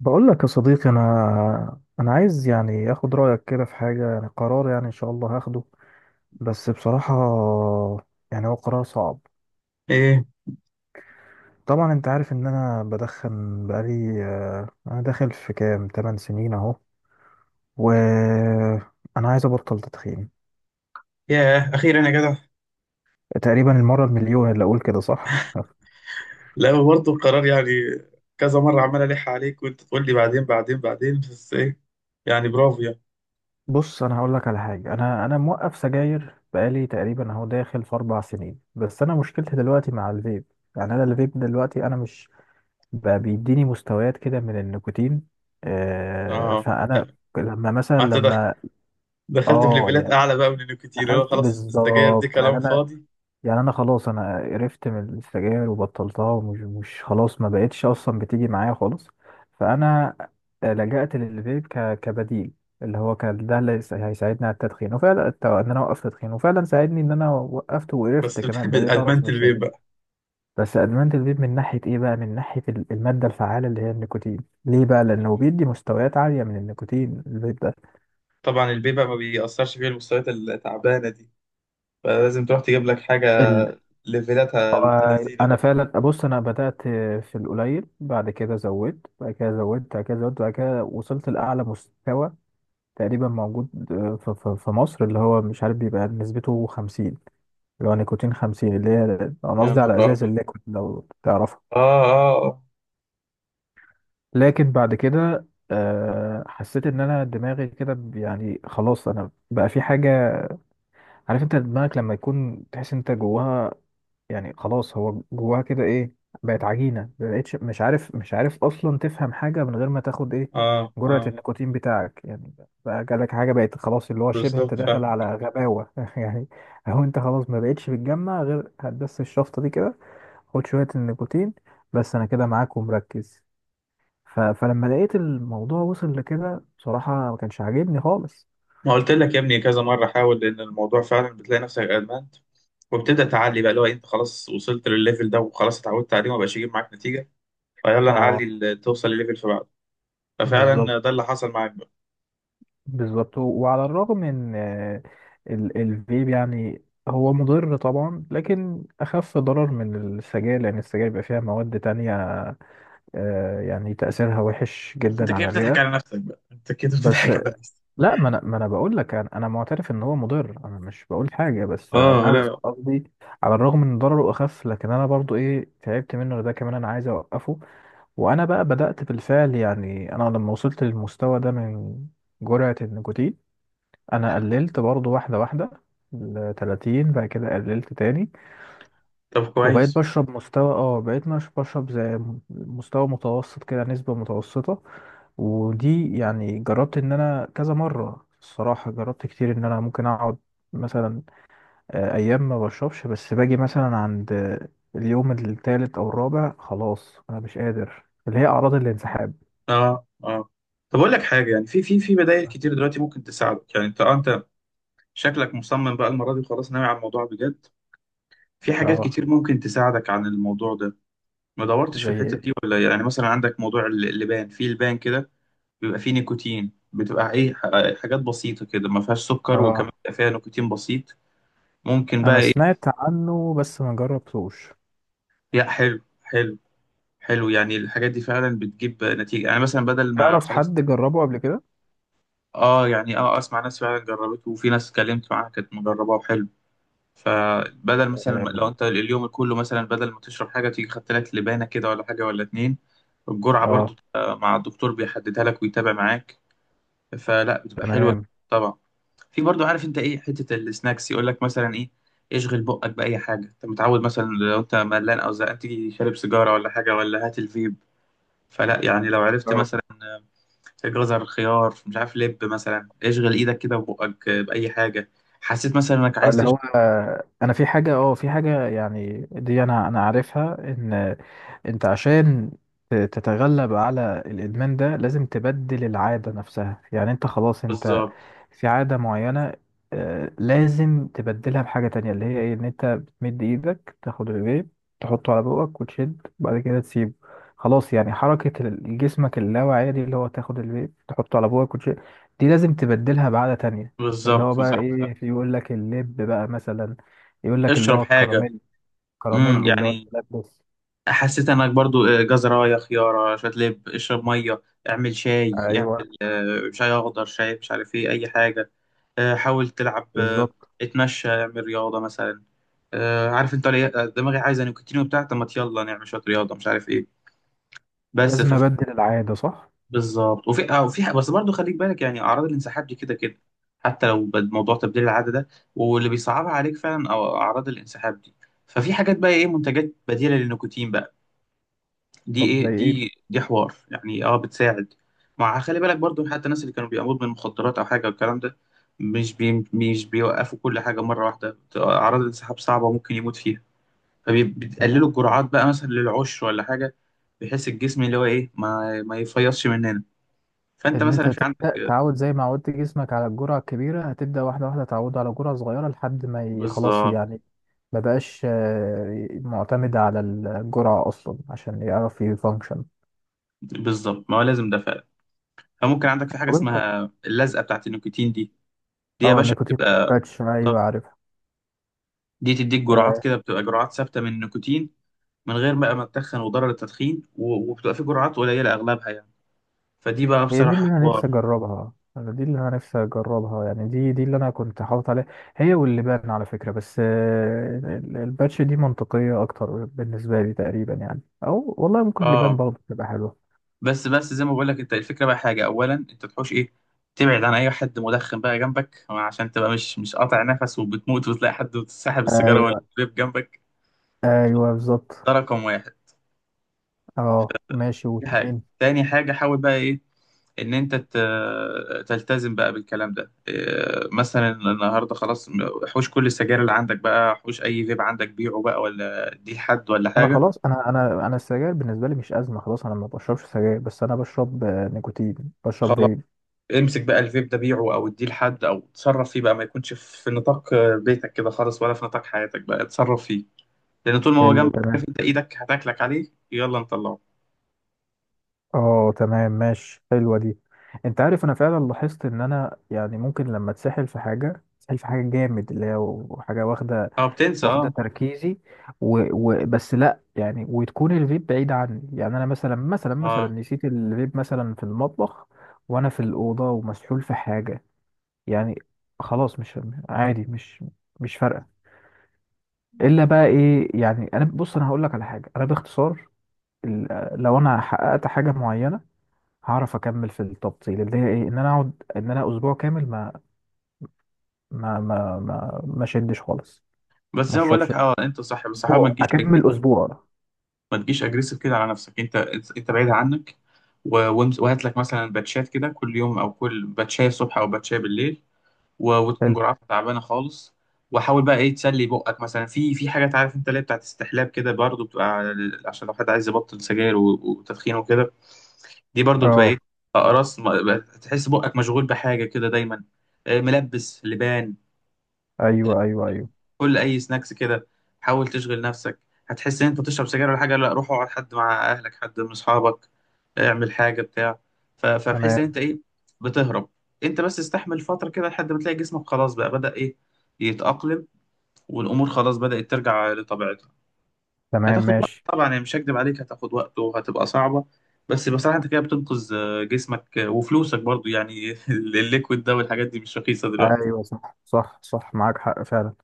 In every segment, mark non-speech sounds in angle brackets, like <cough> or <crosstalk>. بقول لك يا صديقي، انا عايز يعني اخد رايك كده في حاجه، يعني قرار، يعني ان شاء الله هاخده. بس بصراحه يعني هو قرار صعب. ايه، طبعا انت عارف ان انا بدخن بقالي، انا داخل في كام 8 سنين اهو. وانا عايز ابطل تدخين. ياه اخيرا يا جدع! تقريبا المره المليون اللي اقول كده، صح. لا، برضه القرار يعني. كذا مره عمال الح عليك، وانت تقول لي بعدين بعدين بعدين، بس ايه. يعني برافو يعني. بص انا هقول لك على حاجه، انا موقف سجاير بقالي تقريبا اهو داخل في 4 سنين، بس انا مشكلتي دلوقتي مع الفيب. يعني انا الفيب دلوقتي انا مش بقى بيديني مستويات كده من النيكوتين. اه، فانا لا. لما مثلا انت لما دخلت في اه ليفلات يعني اعلى بقى من النيكوتين، اللي هو دخلت خلاص السجاير دي بالظبط. يعني كلام انا، فاضي. يعني انا خلاص انا قرفت من السجاير وبطلتها، ومش مش خلاص، ما بقتش اصلا بتيجي معايا خالص. فانا لجأت للفيب كبديل، اللي هو كان ده اللي هيساعدني على التدخين. وفعلا ان انا اوقف تدخين، وفعلا ساعدني ان انا وقفت وقرفت بس <laughs> كمان، بتحب بقيت اعرف ادمنت من الفيب السجاير. بقى؟ بس ادمان الفيب من ناحيه ايه بقى، من ناحيه الماده الفعاله اللي هي النيكوتين. ليه بقى؟ لانه بيدي مستويات عاليه من النيكوتين الفيب ده. طبعا الفيب بقى ما بيأثرش فيه المستويات التعبانه دي، فلازم تروح تجيب لك حاجه ال... ليفلاتها بنت لذينه انا بقى. فعلا ابص انا بدات في القليل، بعد كده زودت، بعد كده زودت، بعد كده زودت، بعد كده وصلت لاعلى مستوى تقريبا موجود في مصر، اللي هو مش عارف بيبقى نسبته 50. اللي هو نيكوتين 50، اللي هي انا يا قصدي على نهار ازاز ابيض! الليكويد لو تعرف. اه، اه. لكن بعد كده حسيت ان انا دماغي كده يعني خلاص انا بقى في حاجه. عارف انت دماغك لما يكون تحس انت جواها؟ يعني خلاص هو جواها كده، ايه، بقت عجينه، مبقتش مش عارف اصلا تفهم حاجه من غير ما تاخد ايه، اه، جرعه اه. النيكوتين بتاعك يعني. بقى جالك حاجه بقت خلاص، اللي هو شبه انت بالظبط، داخل فاهم. على غباوه <laughs> يعني. هو انت خلاص ما بقتش بتجمع غير هتدس الشفطه دي كده، خد شويه النيكوتين. بس انا كده معاك ومركز. فلما لقيت الموضوع وصل لكده، بصراحة ما كانش عاجبني خالص. ما قلت لك يا ابني كذا مرة حاول، لأن الموضوع فعلا بتلاقي نفسك ادمنت، وبتبدأ تعلي بقى اللي هو إيه، أنت خلاص وصلت للليفل ده وخلاص اتعودت عليه وما بقاش يجيب معاك نتيجة. فيلا اه، نعلي توصل لليفل في بعضه. بالظبط. ففعلا ده اللي حصل معاك بقى. بالظبط، وعلى الرغم ان الفيب يعني هو مضر طبعا، لكن اخف ضرر من السجاير، لان السجاير بيبقى فيها مواد تانية، يعني تأثيرها وحش انت جدا كده على بتضحك على الرئة. نفسك بقى، انت كده بس بتضحك على نفسك. لا، ما انا بقول لك، انا معترف ان هو مضر، انا مش بقول حاجة. بس اه، انا لا. قصدي، على الرغم ان ضرره اخف، لكن انا برضو ايه تعبت منه، ده كمان انا عايز اوقفه. وانا بقى بدأت بالفعل. يعني انا لما وصلت للمستوى ده من جرعة النيكوتين، انا قللت برضو واحدة واحدة، ل 30. بعد كده قللت تاني، طب، وبقيت كويس. بشرب مستوى، بقيت مش بشرب زي، مستوى متوسط كده، نسبة متوسطة. ودي يعني جربت ان انا كذا مرة، الصراحة جربت كتير ان انا ممكن اقعد مثلا ايام ما بشربش، بس باجي مثلا عند اليوم التالت او الرابع خلاص انا مش قادر، اللي هي اعراض الانسحاب. اه، اه. طب اقول لك حاجه، يعني في بدائل كتير دلوقتي ممكن تساعدك، يعني انت شكلك مصمم بقى المره دي، وخلاص ناوي على الموضوع بجد. في حاجات اه، كتير ممكن تساعدك عن الموضوع ده. ما دورتش في زي الحتة ايه؟ دي ولا؟ يعني مثلا عندك موضوع اللبان، في لبان كده بيبقى فيه نيكوتين، بتبقى ايه، حاجات بسيطة كده ما فيهاش سكر، وكمان اه، بيبقى فيها نيكوتين بسيط. ممكن بقى انا ايه؟ سمعت عنه بس ما جربتوش. لا، حلو حلو. حلو، يعني الحاجات دي فعلا بتجيب نتيجة، يعني مثلا بدل ما تعرف خلاص. حد جربه قبل كده؟ اه، يعني اه، اسمع ناس فعلا جربته، وفي ناس اتكلمت معاها كانت مجرباه وحلو. فبدل مثلا آم، لو انت اليوم كله مثلا بدل ما تشرب حاجة، تيجي خدت لك لبانة كده ولا حاجة ولا اتنين. الجرعة برضو اه، تبقى مع الدكتور بيحددها لك ويتابع معاك. فلا، بتبقى حلوه. تمام. طبعا. في برضو، عارف انت ايه، حته السناكس يقول لك مثلا ايه، اشغل بقك باي حاجه انت متعود، مثلا لو انت ملان او زهقان تيجي شارب سيجاره ولا حاجه ولا هات الفيب. فلا يعني، لو عرفت اه، مثلا جزر، خيار، مش عارف لب، مثلا اشغل ايدك كده وبقك باي حاجه، حسيت مثلا انك عايز اللي تشرب. هو انا في حاجه، في حاجه يعني دي انا عارفها، ان انت عشان تتغلب على الادمان ده، لازم تبدل العاده نفسها. يعني انت خلاص انت بالظبط. في عادة معينة، لازم تبدلها بحاجة تانية، اللي هي ايه، ان انت بتمد ايدك تاخد الفيب، تحطه على بقك وتشد، بعد كده تسيبه. خلاص، يعني حركة جسمك اللاواعية دي، اللي هو تاخد الفيب تحطه على بقك وتشد، دي لازم تبدلها بعادة تانية. اللي هو بالظبط، بقى صح صح. ايه، في يقول لك اللب بقى مثلا، يقول لك اللي اشرب هو حاجه. الكراميل، كراميل اللي هو يعني. تلبس. حسيت انك برضو جزرايه، خياره، شويه لب، اشرب ميه. اعمل شاي، ايوه، اعمل شاي اخضر، شاي مش عارف ايه، اي حاجه. حاول تلعب، بالظبط. اتمشى، اعمل رياضه مثلا. عارف انت دماغي عايزه نيكوتين وبتاع، طب ما يلا نعمل شويه رياضه، مش عارف ايه. بس لازم ف... ابدل العادة، صح. بالظبط. وفي بس برضو خليك بالك، يعني اعراض الانسحاب دي كده كده، حتى لو موضوع تبديل العاده ده واللي بيصعبها عليك فعلا أو اعراض الانسحاب دي. ففي حاجات بقى، ايه، منتجات بديله للنيكوتين بقى. دي طب زي ايه، دي ايه، دي حوار يعني، اه بتساعد. خلي بالك برضو حتى الناس اللي كانوا بيقاموا من مخدرات او حاجه والكلام ده، مش بيوقفوا كل حاجه مره واحده، اعراض الانسحاب صعبه ممكن يموت فيها، مثلا؟ فبيقللوا الجرعات بقى مثلا للعشر ولا حاجه، بحيث الجسم اللي هو ايه ما يفيضش مننا. فانت ان انت مثلا، في تبدا عندك. تعود زي ما عودت جسمك على الجرعه الكبيره، هتبدا واحده واحده تعود على جرعه صغيره، لحد ما خلاص بالظبط، يعني ما بقاش معتمد على الجرعه اصلا عشان يعرف يفانكشن. بالظبط، ما هو لازم ده فعلا. فممكن عندك في حاجه طب انت، اسمها اللزقه بتاعت النيكوتين دي، دي يا اه، باشا النيكوتين بتبقى. باتش، ايوه بالظبط. عارفها. دي تديك جرعات آه كده، بتبقى جرعات ثابته من النيكوتين من غير بقى ما تتخن وضرر التدخين، و- وبتبقى في جرعات قليله اغلبها يعني. فدي بقى هي دي اللي بصراحه انا نفسي حوار. اجربها. انا دي اللي انا نفسي اجربها، يعني دي اللي انا كنت حاطط عليها، هي واللبان على فكره. بس الباتش دي منطقيه اكتر بالنسبه لي تقريبا يعني، او والله ممكن اللبان اه. برضه تبقى حلوه. بس زي ما بقول لك، انت الفكره بقى حاجه، اولا انت تحوش ايه، تبعد عن اي حد مدخن بقى جنبك، عشان تبقى مش قاطع نفس وبتموت وتلاقي حد ساحب السيجاره ولا ايوه، الفيب جنبك. ايوه، ده بالظبط. رقم واحد. اه، ماشي دي حاجه، واتنين. تاني حاجه حاول بقى ايه، ان انت تلتزم بقى بالكلام ده، إيه، مثلا النهارده خلاص حوش كل السجاير اللي عندك بقى، حوش اي فيب عندك، بيعه بقى ولا دي لحد ولا انا حاجه. خلاص، انا السجاير بالنسبه لي مش ازمه خلاص. انا ما بشربش سجاير، بس انا بشرب نيكوتين، بشرب فيب. امسك بقى الفيب ده، بيعه او اديه لحد او اتصرف فيه بقى، ما يكونش في نطاق بيتك كده خالص ولا في نطاق حياتك بقى، اتصرف فيه. لان طول ما هو حلو، جنبك، تمام. عارف انت ايدك هتاكلك عليه، يلا نطلعه. اه، تمام ماشي، حلوه دي. انت عارف انا فعلا لاحظت ان انا يعني ممكن لما اتسحل في حاجه جامد، اللي هي حاجه واخده اه، بتنسى، واخده اه. تركيزي. بس لا، يعني وتكون الفيب بعيد عني. يعني انا مثلا، مثلا اه. نسيت الفيب مثلا في المطبخ، وانا في الاوضه ومسحول في حاجه، يعني خلاص مش، عادي، مش فارقه. الا بقى ايه، يعني انا بص انا هقول لك على حاجه انا باختصار، ال- لو انا حققت حاجه معينه، هعرف اكمل في التبطيل، اللي هي ايه، ان انا اقعد ان انا اسبوع كامل ما شدش خالص، بس ما زي ما بقول اشربش لك، اه انت صح، بس حاول ما اسبوع، تجيش اكمل اسبوع. ما تجيش اجريسيف كده على نفسك، انت. انت بعيد عنك. و- وامس- وهات لك مثلا باتشات كده كل يوم، او كل باتشايه الصبح او باتشايه بالليل، و- وتكون حلو. جرعتها تعبانه خالص. وحاول بقى ايه تسلي بقك، مثلا في حاجات عارف انت اللي هي بتاعت استحلاب كده برضه، بتبقى على عشان لو حد عايز يبطل سجاير و- وتدخين وكده. دي برضه بتبقى ايه، اه، اقراص بقى تحس بقك مشغول بحاجه كده دايما. ملبس لبان، ايوه، ايوه، ايوه. كل اي سناكس كده، حاول تشغل نفسك. هتحس ان انت بتشرب سجاير ولا حاجه، لا روح اقعد حد مع اهلك، حد من اصحابك، اعمل حاجه بتاع، ف- فبحيث ان تمام. انت ايه بتهرب. انت بس استحمل فتره كده لحد ما تلاقي جسمك خلاص بقى بدأ ايه يتأقلم، والامور خلاص بدأت ترجع لطبيعتها. تمام، هتاخد وقت ماشي. طبعا يعني، مش هكدب عليك، هتاخد وقت وهتبقى صعبة. بس بصراحة انت كده بتنقذ جسمك، وفلوسك برضو يعني <laughs> الليكويد ده والحاجات دي مش رخيصة دلوقتي. ايوه، صح، صح، صح، معاك حق فعلا.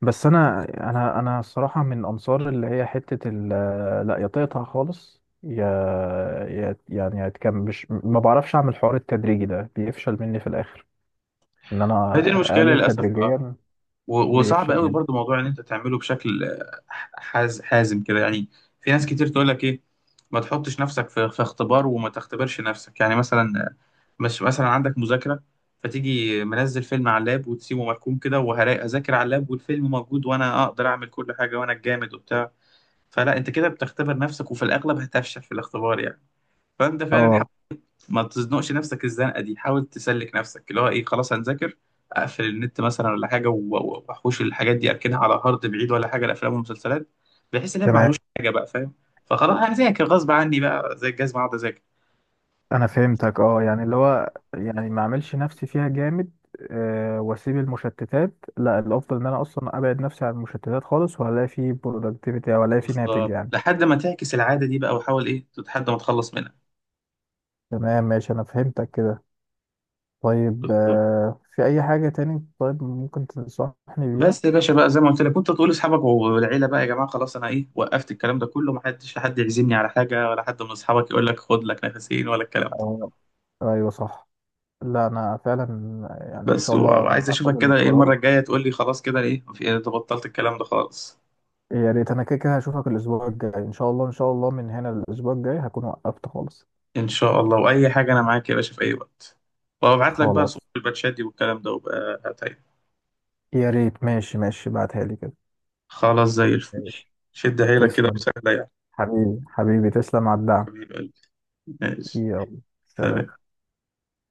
بس انا، انا الصراحه من انصار اللي هي حته لا، يا تقطع خالص، يا يعني يا مش ما بعرفش اعمل حوار. التدريجي ده بيفشل مني في الاخر، ان هي انا دي المشكلة اقلل للأسف، اه. تدريجيا، و- وصعب بيفشل قوي مني. برضو موضوع ان انت تعمله بشكل حازم كده يعني. في ناس كتير تقول لك، ايه، ما تحطش نفسك في اختبار، وما تختبرش نفسك يعني مثلا، مش مثلا عندك مذاكرة، فتيجي منزل فيلم على اللاب وتسيبه مركون كده، وهذاكر على اللاب والفيلم موجود، وانا اقدر اعمل كل حاجة وانا الجامد وبتاع. فلا، انت كده بتختبر نفسك، وفي الاغلب هتفشل في الاختبار يعني. فانت فعلا حاول اه، ما تزنقش نفسك الزنقة دي، حاول تسلك نفسك اللي هو ايه، خلاص هنذاكر، اقفل النت مثلا ولا حاجة، و- و- واحوش الحاجات دي، اركنها على هارد بعيد ولا حاجة، الافلام والمسلسلات، بحيث ان هي تمام معلوش، حاجة بقى فاهم. فخلاص هذاكر غصب عني بقى زي الجزمة، اقعد انا فهمتك. اه يعني اللي هو يعني ما اذاكر. اعملش نفسي فيها جامد، واسيب المشتتات. لا، الافضل ان انا اصلا ابعد نفسي عن المشتتات خالص، وهلاقي فيه برودكتيفيتي او الاقي فيه ناتج بالظبط، يعني. لحد ما تعكس العادة دي بقى، وحاول إيه لحد ما تخلص منها. تمام ماشي، انا فهمتك كده. طيب بالظبط. في أي حاجة تاني طيب ممكن تنصحني بيها؟ بس يا باشا بقى، زي ما قلت لك كنت تقول لاصحابك والعيله بقى، يا جماعه خلاص انا ايه وقفت الكلام ده كله، ما حدش حد يعزمني على حاجه، ولا حد من اصحابك يقول لك خد لك نفسين ولا الكلام ده. أو، أيوة، صح. لا أنا فعلا، يعني إن بس شاء و- الله وعايز هاخد اشوفك كده ايه، القرار. المره الجايه تقول لي خلاص كده ايه، في انت بطلت الكلام ده خالص. يا ريت، أنا كده كده هشوفك الأسبوع الجاي إن شاء الله. إن شاء الله من هنا للأسبوع الجاي هكون وقفت خالص. ان شاء الله، واي حاجه انا معاك يا باشا في اي وقت، وابعت لك بقى خلاص، صور الباتشات دي والكلام ده، وبقى هتعمل. يا ريت. ماشي، ماشي، بعتها لي كده. خلاص زي الفل. ماشي، شد حيلك كده تسلم. وسهله يعني. حبيبي، حبيبي، تسلم على الدعم. حبيب قلبي. ماشي. يلا، سلام. سلام.